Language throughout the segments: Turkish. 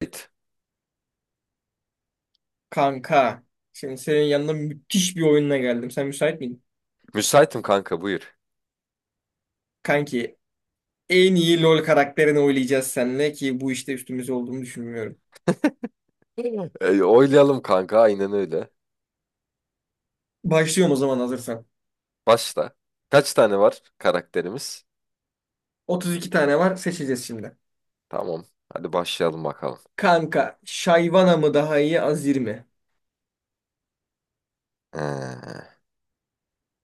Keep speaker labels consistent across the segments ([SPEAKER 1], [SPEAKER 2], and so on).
[SPEAKER 1] Müsait.
[SPEAKER 2] Kanka. Şimdi senin yanına müthiş bir oyunla geldim. Sen müsait miydin?
[SPEAKER 1] Müsaitim kanka, buyur.
[SPEAKER 2] Kanki en iyi LoL karakterini oynayacağız seninle ki bu işte üstümüz olduğunu düşünmüyorum.
[SPEAKER 1] Hı. Oylayalım kanka, aynen öyle.
[SPEAKER 2] Başlıyorum o zaman hazırsan.
[SPEAKER 1] Başla. Kaç tane var karakterimiz?
[SPEAKER 2] 32 tane var seçeceğiz şimdi.
[SPEAKER 1] Tamam. Hadi başlayalım bakalım.
[SPEAKER 2] Kanka Shyvana mı daha iyi Azir mi?
[SPEAKER 1] Ee,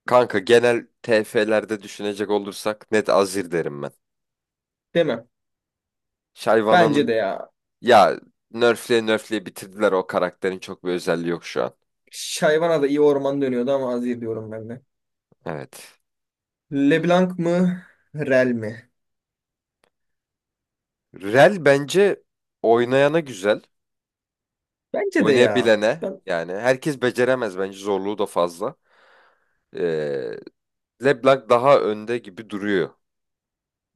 [SPEAKER 1] Kanka genel TF'lerde düşünecek olursak net Azir derim ben.
[SPEAKER 2] Değil mi? Bence
[SPEAKER 1] Shyvana'nın
[SPEAKER 2] de ya.
[SPEAKER 1] ya nerfleye nerfleye bitirdiler, o karakterin çok bir özelliği yok şu an.
[SPEAKER 2] Shyvana da iyi orman dönüyordu ama Azir diyorum ben de.
[SPEAKER 1] Evet.
[SPEAKER 2] LeBlanc mı? Rel mi?
[SPEAKER 1] Rel bence oynayana güzel.
[SPEAKER 2] Bence de ya.
[SPEAKER 1] Oynayabilene
[SPEAKER 2] Ben
[SPEAKER 1] yani, herkes beceremez, bence zorluğu da fazla. Ee, LeBlanc daha önde gibi duruyor.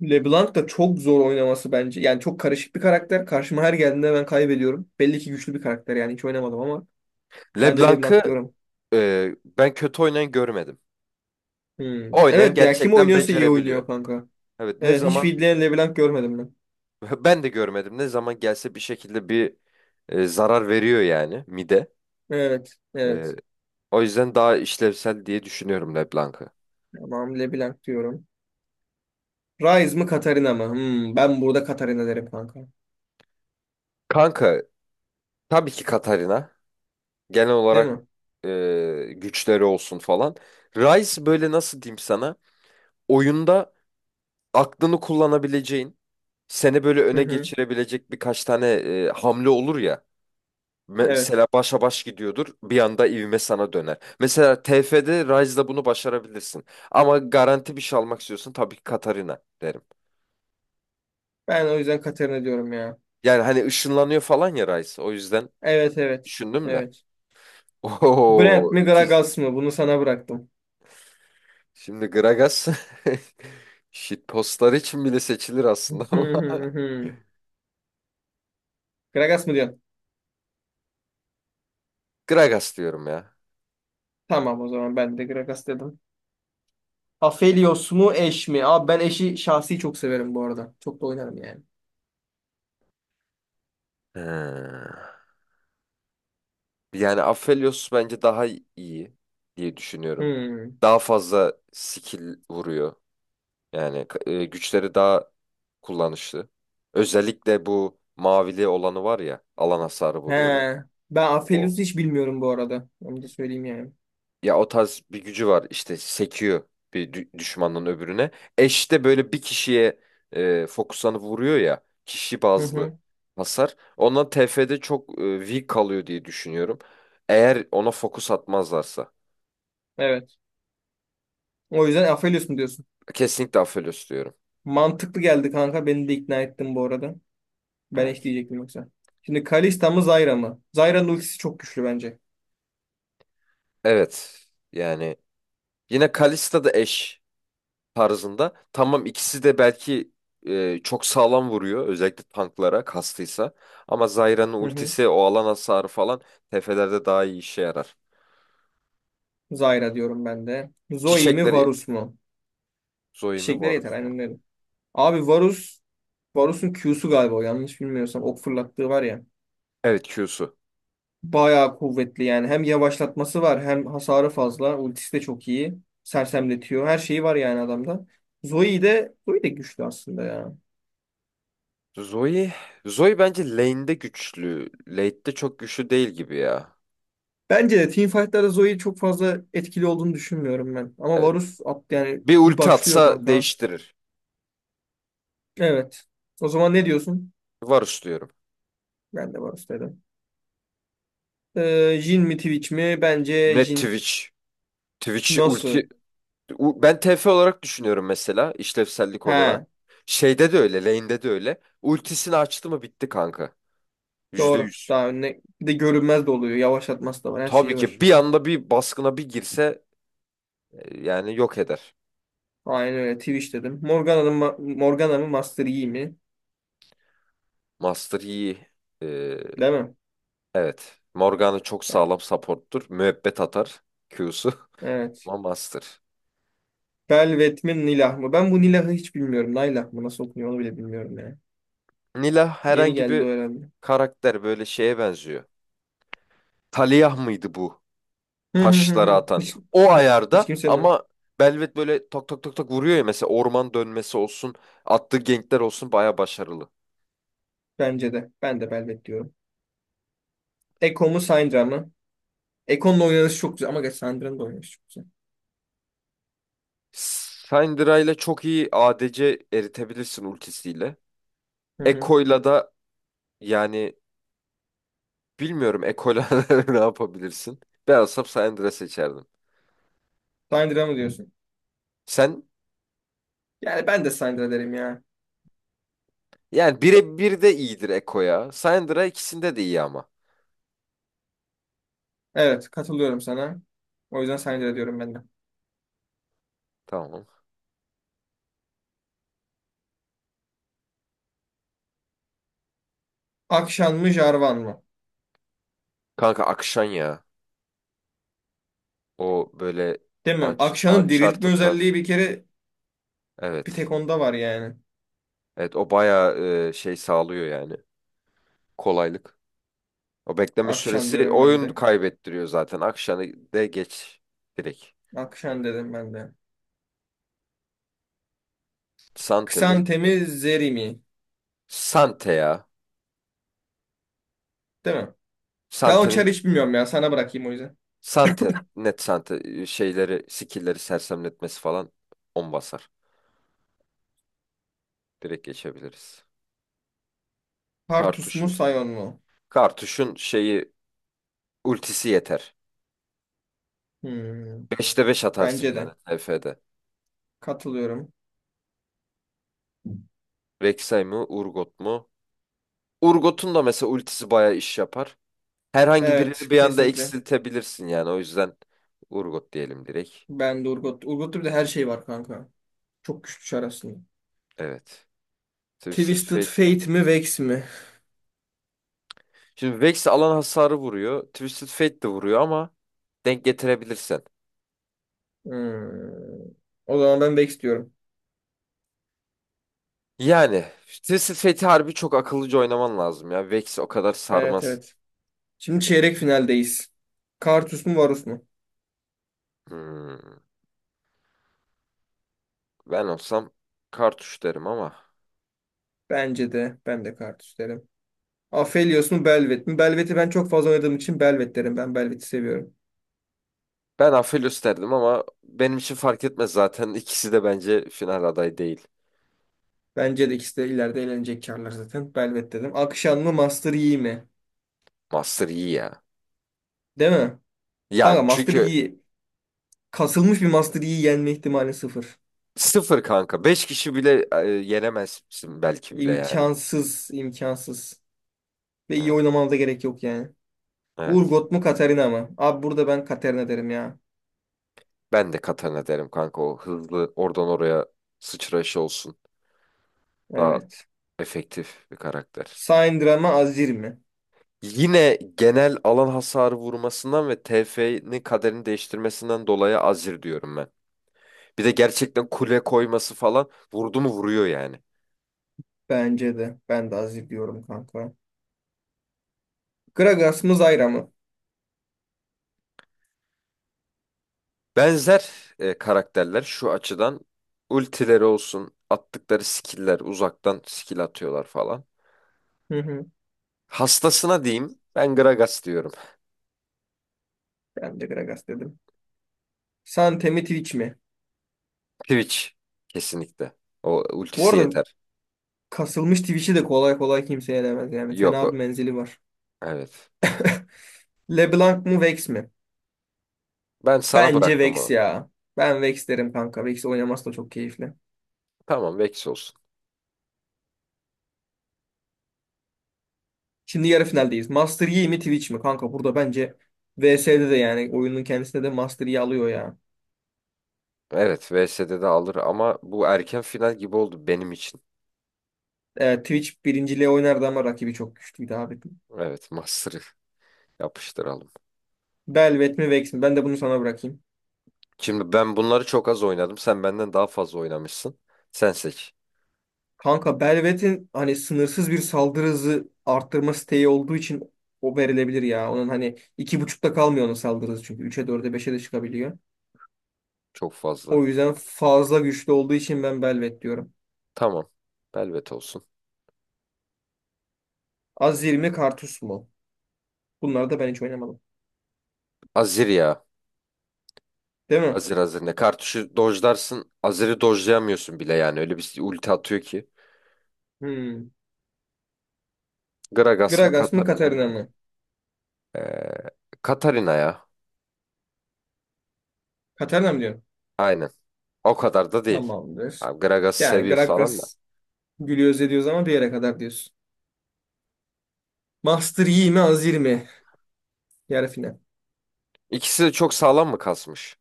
[SPEAKER 2] LeBlanc da çok zor oynaması bence. Yani çok karışık bir karakter. Karşıma her geldiğinde ben kaybediyorum. Belli ki güçlü bir karakter yani hiç oynamadım ama ben de LeBlanc
[SPEAKER 1] LeBlanc'ı
[SPEAKER 2] diyorum.
[SPEAKER 1] ben kötü oynayan görmedim.
[SPEAKER 2] Hmm.
[SPEAKER 1] Oynayan
[SPEAKER 2] Evet ya kim
[SPEAKER 1] gerçekten
[SPEAKER 2] oynuyorsa iyi
[SPEAKER 1] becerebiliyor.
[SPEAKER 2] oynuyor kanka.
[SPEAKER 1] Evet, ne
[SPEAKER 2] Evet hiç
[SPEAKER 1] zaman
[SPEAKER 2] feedleyen LeBlanc görmedim ben.
[SPEAKER 1] ben de görmedim. Ne zaman gelse bir şekilde bir zarar veriyor yani mide.
[SPEAKER 2] Evet
[SPEAKER 1] E,
[SPEAKER 2] evet.
[SPEAKER 1] O yüzden daha işlevsel diye düşünüyorum LeBlanc'ı.
[SPEAKER 2] Tamam LeBlanc diyorum. Ryze mı Katarina mı? Ben burada Katarina derim kanka.
[SPEAKER 1] Kanka tabii ki Katarina, genel
[SPEAKER 2] Değil
[SPEAKER 1] olarak
[SPEAKER 2] mi?
[SPEAKER 1] e, güçleri olsun falan. Rice böyle, nasıl diyeyim sana, oyunda aklını kullanabileceğin, seni böyle
[SPEAKER 2] Hı
[SPEAKER 1] öne
[SPEAKER 2] hı.
[SPEAKER 1] geçirebilecek birkaç tane hamle olur ya.
[SPEAKER 2] Evet.
[SPEAKER 1] Mesela başa baş gidiyordur, bir anda ivme sana döner. Mesela TF'de Rise'da bunu başarabilirsin. Ama garanti bir şey almak istiyorsun, tabii ki Katarina derim.
[SPEAKER 2] Ben o yüzden Katarina diyorum ya.
[SPEAKER 1] Yani hani ışınlanıyor falan ya Rise. O yüzden
[SPEAKER 2] Evet evet.
[SPEAKER 1] düşündüm de.
[SPEAKER 2] Evet. Brand
[SPEAKER 1] Oho,
[SPEAKER 2] mi
[SPEAKER 1] ikiz.
[SPEAKER 2] Gragas mı? Bunu sana bıraktım.
[SPEAKER 1] Şimdi Gragas shitpostlar için bile seçilir aslında ama
[SPEAKER 2] Gragas mı diyorsun?
[SPEAKER 1] Gragas diyorum ya.
[SPEAKER 2] Tamam o zaman ben de Gragas dedim. Aphelios mu eş mi? Abi ben eşi şahsi çok severim bu arada. Çok da oynarım yani.
[SPEAKER 1] He. Yani Aphelios bence daha iyi diye düşünüyorum.
[SPEAKER 2] Hmm.
[SPEAKER 1] Daha fazla skill vuruyor. Yani güçleri daha kullanışlı. Özellikle bu mavili olanı var ya, alan hasarı
[SPEAKER 2] He.
[SPEAKER 1] vuruyor böyle.
[SPEAKER 2] Ben
[SPEAKER 1] O.
[SPEAKER 2] Aphelios'u hiç bilmiyorum bu arada. Onu da söyleyeyim yani.
[SPEAKER 1] Ya o tarz bir gücü var, işte sekiyor bir düşmanın öbürüne. Eş de böyle bir kişiye fokuslanıp vuruyor ya, kişi
[SPEAKER 2] Hı
[SPEAKER 1] bazlı
[SPEAKER 2] hı.
[SPEAKER 1] hasar. Ondan TF'de çok weak kalıyor diye düşünüyorum. Eğer ona fokus atmazlarsa.
[SPEAKER 2] Evet. O yüzden Aphelios mu diyorsun?
[SPEAKER 1] Kesinlikle Aphelios diyorum.
[SPEAKER 2] Mantıklı geldi kanka. Beni de ikna ettin bu arada. Ben eş
[SPEAKER 1] Evet.
[SPEAKER 2] diyecektim yoksa. Şimdi Kalista mı Zyra mı? Zyra'nın ultisi çok güçlü bence.
[SPEAKER 1] Evet. Yani yine Kalista da eş tarzında. Tamam, ikisi de belki çok sağlam vuruyor. Özellikle tanklara kastıysa. Ama Zyra'nın
[SPEAKER 2] Hı hı.
[SPEAKER 1] ultisi, o alan hasarı falan tefelerde daha iyi işe yarar.
[SPEAKER 2] Zyra diyorum ben de. Zoe mi
[SPEAKER 1] Çiçekleri
[SPEAKER 2] Varus mu?
[SPEAKER 1] Zoe mi
[SPEAKER 2] Çiçekler yeter.
[SPEAKER 1] Varus mu?
[SPEAKER 2] Aynen öyle. Abi Varus, Varus'un Q'su galiba o, yanlış bilmiyorsam ok fırlattığı var ya.
[SPEAKER 1] Evet Q'su.
[SPEAKER 2] Bayağı kuvvetli yani. Hem yavaşlatması var hem hasarı fazla. Ultisi de çok iyi. Sersemletiyor. Her şeyi var yani adamda. Zoe de güçlü aslında ya.
[SPEAKER 1] Zoe, Zoe bence lane'de güçlü. Late'de çok güçlü değil gibi ya.
[SPEAKER 2] Bence de teamfight'larda Zoe çok fazla etkili olduğunu düşünmüyorum ben. Ama
[SPEAKER 1] Evet.
[SPEAKER 2] Varus at yani
[SPEAKER 1] Bir
[SPEAKER 2] bir
[SPEAKER 1] ulti
[SPEAKER 2] başlıyor
[SPEAKER 1] atsa
[SPEAKER 2] kanka.
[SPEAKER 1] değiştirir.
[SPEAKER 2] Evet. O zaman ne diyorsun?
[SPEAKER 1] Varus diyorum.
[SPEAKER 2] Ben de Varus dedim. Jhin mi Twitch mi? Bence
[SPEAKER 1] Net
[SPEAKER 2] Jhin.
[SPEAKER 1] Twitch. Twitch'i
[SPEAKER 2] Nasıl?
[SPEAKER 1] ulti Ben TF olarak düşünüyorum mesela, işlevsellik olarak.
[SPEAKER 2] He.
[SPEAKER 1] Şeyde de öyle, lane'de de öyle. Ultisini açtı mı bitti kanka. Yüzde
[SPEAKER 2] Doğru.
[SPEAKER 1] yüz.
[SPEAKER 2] Daha önüne bir de görünmez de oluyor. Yavaşlatması da var. Her
[SPEAKER 1] Tabii
[SPEAKER 2] şeyi
[SPEAKER 1] ki
[SPEAKER 2] var.
[SPEAKER 1] bir anda bir baskına bir girse yani yok eder.
[SPEAKER 2] Aynen öyle. Twitch dedim. Morgana mı Master Yi mi?
[SPEAKER 1] Master iyi. Ee,
[SPEAKER 2] Değil mi?
[SPEAKER 1] evet. Morgana çok
[SPEAKER 2] Yani,
[SPEAKER 1] sağlam support'tur. Müebbet atar Q'su.
[SPEAKER 2] evet.
[SPEAKER 1] Ama Master.
[SPEAKER 2] Velvet mi Nilah mı? Ben bu Nilah'ı hiç bilmiyorum. Naylah mı? Nasıl okunuyor onu bile bilmiyorum yani.
[SPEAKER 1] Nila
[SPEAKER 2] Yeni
[SPEAKER 1] herhangi
[SPEAKER 2] geldi
[SPEAKER 1] bir
[SPEAKER 2] o herhalde.
[SPEAKER 1] karakter, böyle şeye benziyor. Taliyah mıydı bu?
[SPEAKER 2] Hı hı hı
[SPEAKER 1] Taşları
[SPEAKER 2] hı.
[SPEAKER 1] atan.
[SPEAKER 2] Hiç,
[SPEAKER 1] O
[SPEAKER 2] hiç
[SPEAKER 1] ayarda
[SPEAKER 2] kimsenin
[SPEAKER 1] ama Belvet böyle tak tak tak tak vuruyor ya, mesela orman dönmesi olsun, attığı gankler olsun baya başarılı.
[SPEAKER 2] bence de. Ben de Velvet diyorum. Ekko mu Syndra mı? Ekko'nun oynanışı çok güzel. Ama geç Syndra'nın da oynanışı çok güzel.
[SPEAKER 1] Syndra ile çok iyi ADC eritebilirsin ultisiyle.
[SPEAKER 2] Hı hı.
[SPEAKER 1] Ekko'yla da, yani bilmiyorum Ekko'yla ne yapabilirsin. Ben olsam Syndra seçerdim.
[SPEAKER 2] Syndra mı diyorsun?
[SPEAKER 1] Sen,
[SPEAKER 2] Yani ben de Syndra derim ya.
[SPEAKER 1] yani birebir de iyidir Ekko ya. Syndra ikisinde de iyi ama.
[SPEAKER 2] Evet katılıyorum sana. O yüzden Syndra diyorum ben de.
[SPEAKER 1] Tamam.
[SPEAKER 2] Akşan mı Jarvan mı?
[SPEAKER 1] Kanka Akşan ya. O böyle
[SPEAKER 2] Değil mi?
[SPEAKER 1] Unch-
[SPEAKER 2] Akşan'ın
[SPEAKER 1] Uncharted
[SPEAKER 2] diriltme
[SPEAKER 1] tarz.
[SPEAKER 2] özelliği bir kere bir
[SPEAKER 1] Evet.
[SPEAKER 2] tek onda var yani.
[SPEAKER 1] Evet o bayağı şey sağlıyor yani. Kolaylık. O bekleme
[SPEAKER 2] Akşan
[SPEAKER 1] süresi
[SPEAKER 2] diyorum ben
[SPEAKER 1] oyun
[SPEAKER 2] de.
[SPEAKER 1] kaybettiriyor zaten. Akşamı de geç direkt.
[SPEAKER 2] Akşan dedim ben de.
[SPEAKER 1] Sante mi derim.
[SPEAKER 2] Xantemi Zeri mi?
[SPEAKER 1] Sante ya.
[SPEAKER 2] Değil mi? Ben o
[SPEAKER 1] Sante'nin
[SPEAKER 2] çarı hiç bilmiyorum ya. Sana bırakayım o yüzden.
[SPEAKER 1] Sante. Net Sante. Şeyleri, skill'leri sersemletmesi falan on basar. Direkt geçebiliriz.
[SPEAKER 2] Partus mu
[SPEAKER 1] Kartuşum.
[SPEAKER 2] Sion mu?
[SPEAKER 1] Kartuşun şeyi ultisi yeter.
[SPEAKER 2] Hmm,
[SPEAKER 1] 5'te 5 atarsın
[SPEAKER 2] Bence
[SPEAKER 1] yani
[SPEAKER 2] de.
[SPEAKER 1] TF'de.
[SPEAKER 2] Katılıyorum.
[SPEAKER 1] Rek'Sai mi? Urgot mu? Urgot'un da mesela ultisi bayağı iş yapar. Herhangi birini
[SPEAKER 2] Evet
[SPEAKER 1] bir anda
[SPEAKER 2] kesinlikle.
[SPEAKER 1] eksiltebilirsin yani. O yüzden Urgot diyelim direkt.
[SPEAKER 2] Ben de Urgot. Urgot'ta bir de her şey var kanka. Çok güçlü çar aslında.
[SPEAKER 1] Evet. Twisted
[SPEAKER 2] Twisted
[SPEAKER 1] Fate mi?
[SPEAKER 2] Fate mi Vex mi?
[SPEAKER 1] Şimdi Vex alan hasarı vuruyor. Twisted Fate de vuruyor ama denk getirebilirsen.
[SPEAKER 2] Hmm, O zaman ben Vex diyorum.
[SPEAKER 1] Yani Twisted Fate'i harbi çok akıllıca oynaman lazım ya. Vex o kadar
[SPEAKER 2] Evet
[SPEAKER 1] sarmaz.
[SPEAKER 2] evet. Şimdi çeyrek finaldeyiz. Kartus mu Varus mu?
[SPEAKER 1] Hmm, ben olsam Kartuş derim ama.
[SPEAKER 2] Bence de. Ben de Kartus derim. Aphelios mu Belvet mi? Belvet'i ben çok fazla oynadığım için Belvet derim. Ben Belvet'i seviyorum.
[SPEAKER 1] Ben Aphelios derdim ama benim için fark etmez zaten. İkisi de bence final adayı değil.
[SPEAKER 2] Bence de ikisi de ileride eğlenecek karlar zaten. Belvet dedim. Akşam mı Master Yi mi?
[SPEAKER 1] Master iyi ya.
[SPEAKER 2] Değil mi? Kanka
[SPEAKER 1] Ya
[SPEAKER 2] Master
[SPEAKER 1] çünkü
[SPEAKER 2] Yi kasılmış bir Master Yi yenme ihtimali sıfır.
[SPEAKER 1] sıfır kanka. Beş kişi bile yenemezsin belki bile yani.
[SPEAKER 2] İmkansız. İmkansız. Ve iyi
[SPEAKER 1] Evet.
[SPEAKER 2] oynamana da gerek yok yani.
[SPEAKER 1] Evet.
[SPEAKER 2] Urgot mu Katarina mı? Abi burada ben Katarina derim ya.
[SPEAKER 1] Ben de Katana derim kanka. O hızlı oradan oraya sıçrayışı olsun. Daha
[SPEAKER 2] Evet.
[SPEAKER 1] efektif bir karakter.
[SPEAKER 2] Syndra mı Azir mi?
[SPEAKER 1] Yine genel alan hasarı vurmasından ve TF'nin kaderini değiştirmesinden dolayı Azir diyorum ben. Bir de gerçekten kule koyması falan, vurdu mu vuruyor yani.
[SPEAKER 2] Bence de. Ben de Aziz diyorum kanka. Gragas mı Zyra mı?
[SPEAKER 1] Benzer karakterler şu açıdan, ultileri olsun, attıkları skill'ler, uzaktan skill atıyorlar falan.
[SPEAKER 2] Hı hı.
[SPEAKER 1] Hastasına diyeyim. Ben Gragas diyorum.
[SPEAKER 2] Ben de Gragas dedim. Sante mi Twitch mi?
[SPEAKER 1] Twitch. Kesinlikle. O
[SPEAKER 2] Bu
[SPEAKER 1] ultisi
[SPEAKER 2] arada
[SPEAKER 1] yeter.
[SPEAKER 2] kasılmış Twitch'i de kolay kolay kimse yenemez yani.
[SPEAKER 1] Yok.
[SPEAKER 2] Fena bir menzili var.
[SPEAKER 1] Evet.
[SPEAKER 2] LeBlanc mı Vex mi?
[SPEAKER 1] Ben sana
[SPEAKER 2] Bence
[SPEAKER 1] bıraktım
[SPEAKER 2] Vex
[SPEAKER 1] onu.
[SPEAKER 2] ya. Ben Vex derim kanka. Vex oynaması da çok keyifli.
[SPEAKER 1] Tamam Vex olsun.
[SPEAKER 2] Şimdi yarı finaldeyiz. Master Yi mi Twitch mi? Kanka burada bence VS'de de yani oyunun kendisinde de Master Yi alıyor ya.
[SPEAKER 1] Evet VS'de de alır ama bu erken final gibi oldu benim için.
[SPEAKER 2] Evet, Twitch birinciliğe oynardı ama rakibi çok güçlüydü abi.
[SPEAKER 1] Evet Master'ı yapıştıralım.
[SPEAKER 2] Belvet mi Vex mi? Ben de bunu sana bırakayım.
[SPEAKER 1] Şimdi ben bunları çok az oynadım. Sen benden daha fazla oynamışsın. Sen seç.
[SPEAKER 2] Kanka Belvet'in hani sınırsız bir saldırı hızı arttırma siteyi olduğu için o verilebilir ya. Onun hani iki buçukta kalmıyor onun saldırı hızı çünkü. Üçe dörde beşe de çıkabiliyor.
[SPEAKER 1] Çok fazla.
[SPEAKER 2] O yüzden fazla güçlü olduğu için ben Belvet diyorum.
[SPEAKER 1] Tamam. Velvet olsun.
[SPEAKER 2] Azir mi Karthus mu? Bunları da ben hiç oynamadım.
[SPEAKER 1] Azir ya.
[SPEAKER 2] Değil mi?
[SPEAKER 1] Azir Azir ne? Kartuşu dojlarsın. Azir'i dojlayamıyorsun bile yani. Öyle bir ulti atıyor ki.
[SPEAKER 2] Hmm.
[SPEAKER 1] Gragas mı
[SPEAKER 2] Gragas mı
[SPEAKER 1] Katarina
[SPEAKER 2] Katarina
[SPEAKER 1] mı?
[SPEAKER 2] mı?
[SPEAKER 1] Ee, Katarina ya.
[SPEAKER 2] Katarina mı diyorsun?
[SPEAKER 1] Aynen. O kadar da değil.
[SPEAKER 2] Tamamdır.
[SPEAKER 1] Abi Gragas'ı
[SPEAKER 2] Yani
[SPEAKER 1] seviyoruz falan da.
[SPEAKER 2] Gragas gülüyoruz ediyoruz ama bir yere kadar diyorsun. Master Yi mi Azir mi? Yarı final.
[SPEAKER 1] İkisi de çok sağlam mı kasmış?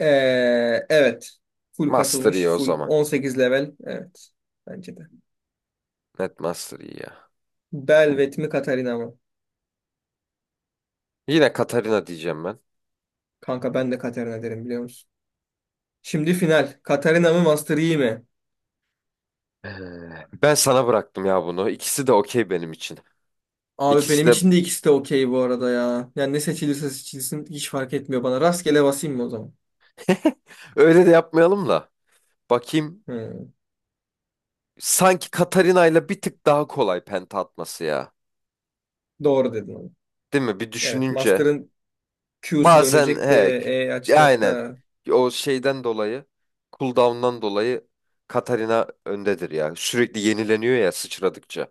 [SPEAKER 2] Ee, evet. Full
[SPEAKER 1] Master iyi
[SPEAKER 2] kasılmış.
[SPEAKER 1] o
[SPEAKER 2] Full
[SPEAKER 1] zaman.
[SPEAKER 2] 18 level. Evet. Bence de.
[SPEAKER 1] Net Master iyi ya.
[SPEAKER 2] Belvet mi Katarina mı?
[SPEAKER 1] Yine Katarina diyeceğim ben.
[SPEAKER 2] Kanka ben de Katarina derim biliyor musun? Şimdi final. Katarina mı Master Yi mi?
[SPEAKER 1] Ee, Ben sana bıraktım ya bunu. İkisi de okey benim için.
[SPEAKER 2] Abi
[SPEAKER 1] İkisi
[SPEAKER 2] benim
[SPEAKER 1] de
[SPEAKER 2] için de ikisi de okey bu arada ya. Yani ne seçilirse seçilsin hiç fark etmiyor bana. Rastgele basayım mı o zaman?
[SPEAKER 1] öyle de yapmayalım da. Bakayım.
[SPEAKER 2] Hmm,
[SPEAKER 1] Sanki Katarina ile bir tık daha kolay penta atması ya.
[SPEAKER 2] Doğru dedin onu.
[SPEAKER 1] Değil mi? Bir
[SPEAKER 2] Evet.
[SPEAKER 1] düşününce.
[SPEAKER 2] Master'ın Q'su
[SPEAKER 1] Bazen
[SPEAKER 2] dönecek
[SPEAKER 1] he
[SPEAKER 2] de
[SPEAKER 1] k-
[SPEAKER 2] E açacak
[SPEAKER 1] aynen,
[SPEAKER 2] da.
[SPEAKER 1] o şeyden dolayı, cooldown'dan dolayı Katarina öndedir ya. Sürekli yenileniyor ya sıçradıkça.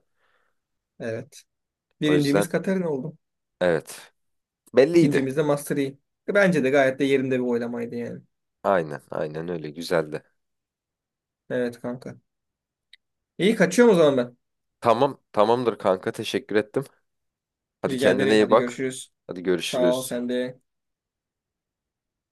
[SPEAKER 2] Evet.
[SPEAKER 1] O yüzden
[SPEAKER 2] Birincimiz Katarina oldu.
[SPEAKER 1] evet. Belliydi.
[SPEAKER 2] İkincimiz de Master Yi. Bence de gayet de yerinde bir oylamaydı yani.
[SPEAKER 1] Aynen aynen, öyle güzeldi.
[SPEAKER 2] Evet kanka. İyi kaçıyorum o zaman ben.
[SPEAKER 1] Tamam tamamdır kanka, teşekkür ettim. Hadi
[SPEAKER 2] Rica
[SPEAKER 1] kendine
[SPEAKER 2] ederim.
[SPEAKER 1] iyi
[SPEAKER 2] Hadi
[SPEAKER 1] bak.
[SPEAKER 2] görüşürüz.
[SPEAKER 1] Hadi
[SPEAKER 2] Sağ ol
[SPEAKER 1] görüşürüz.
[SPEAKER 2] sen de.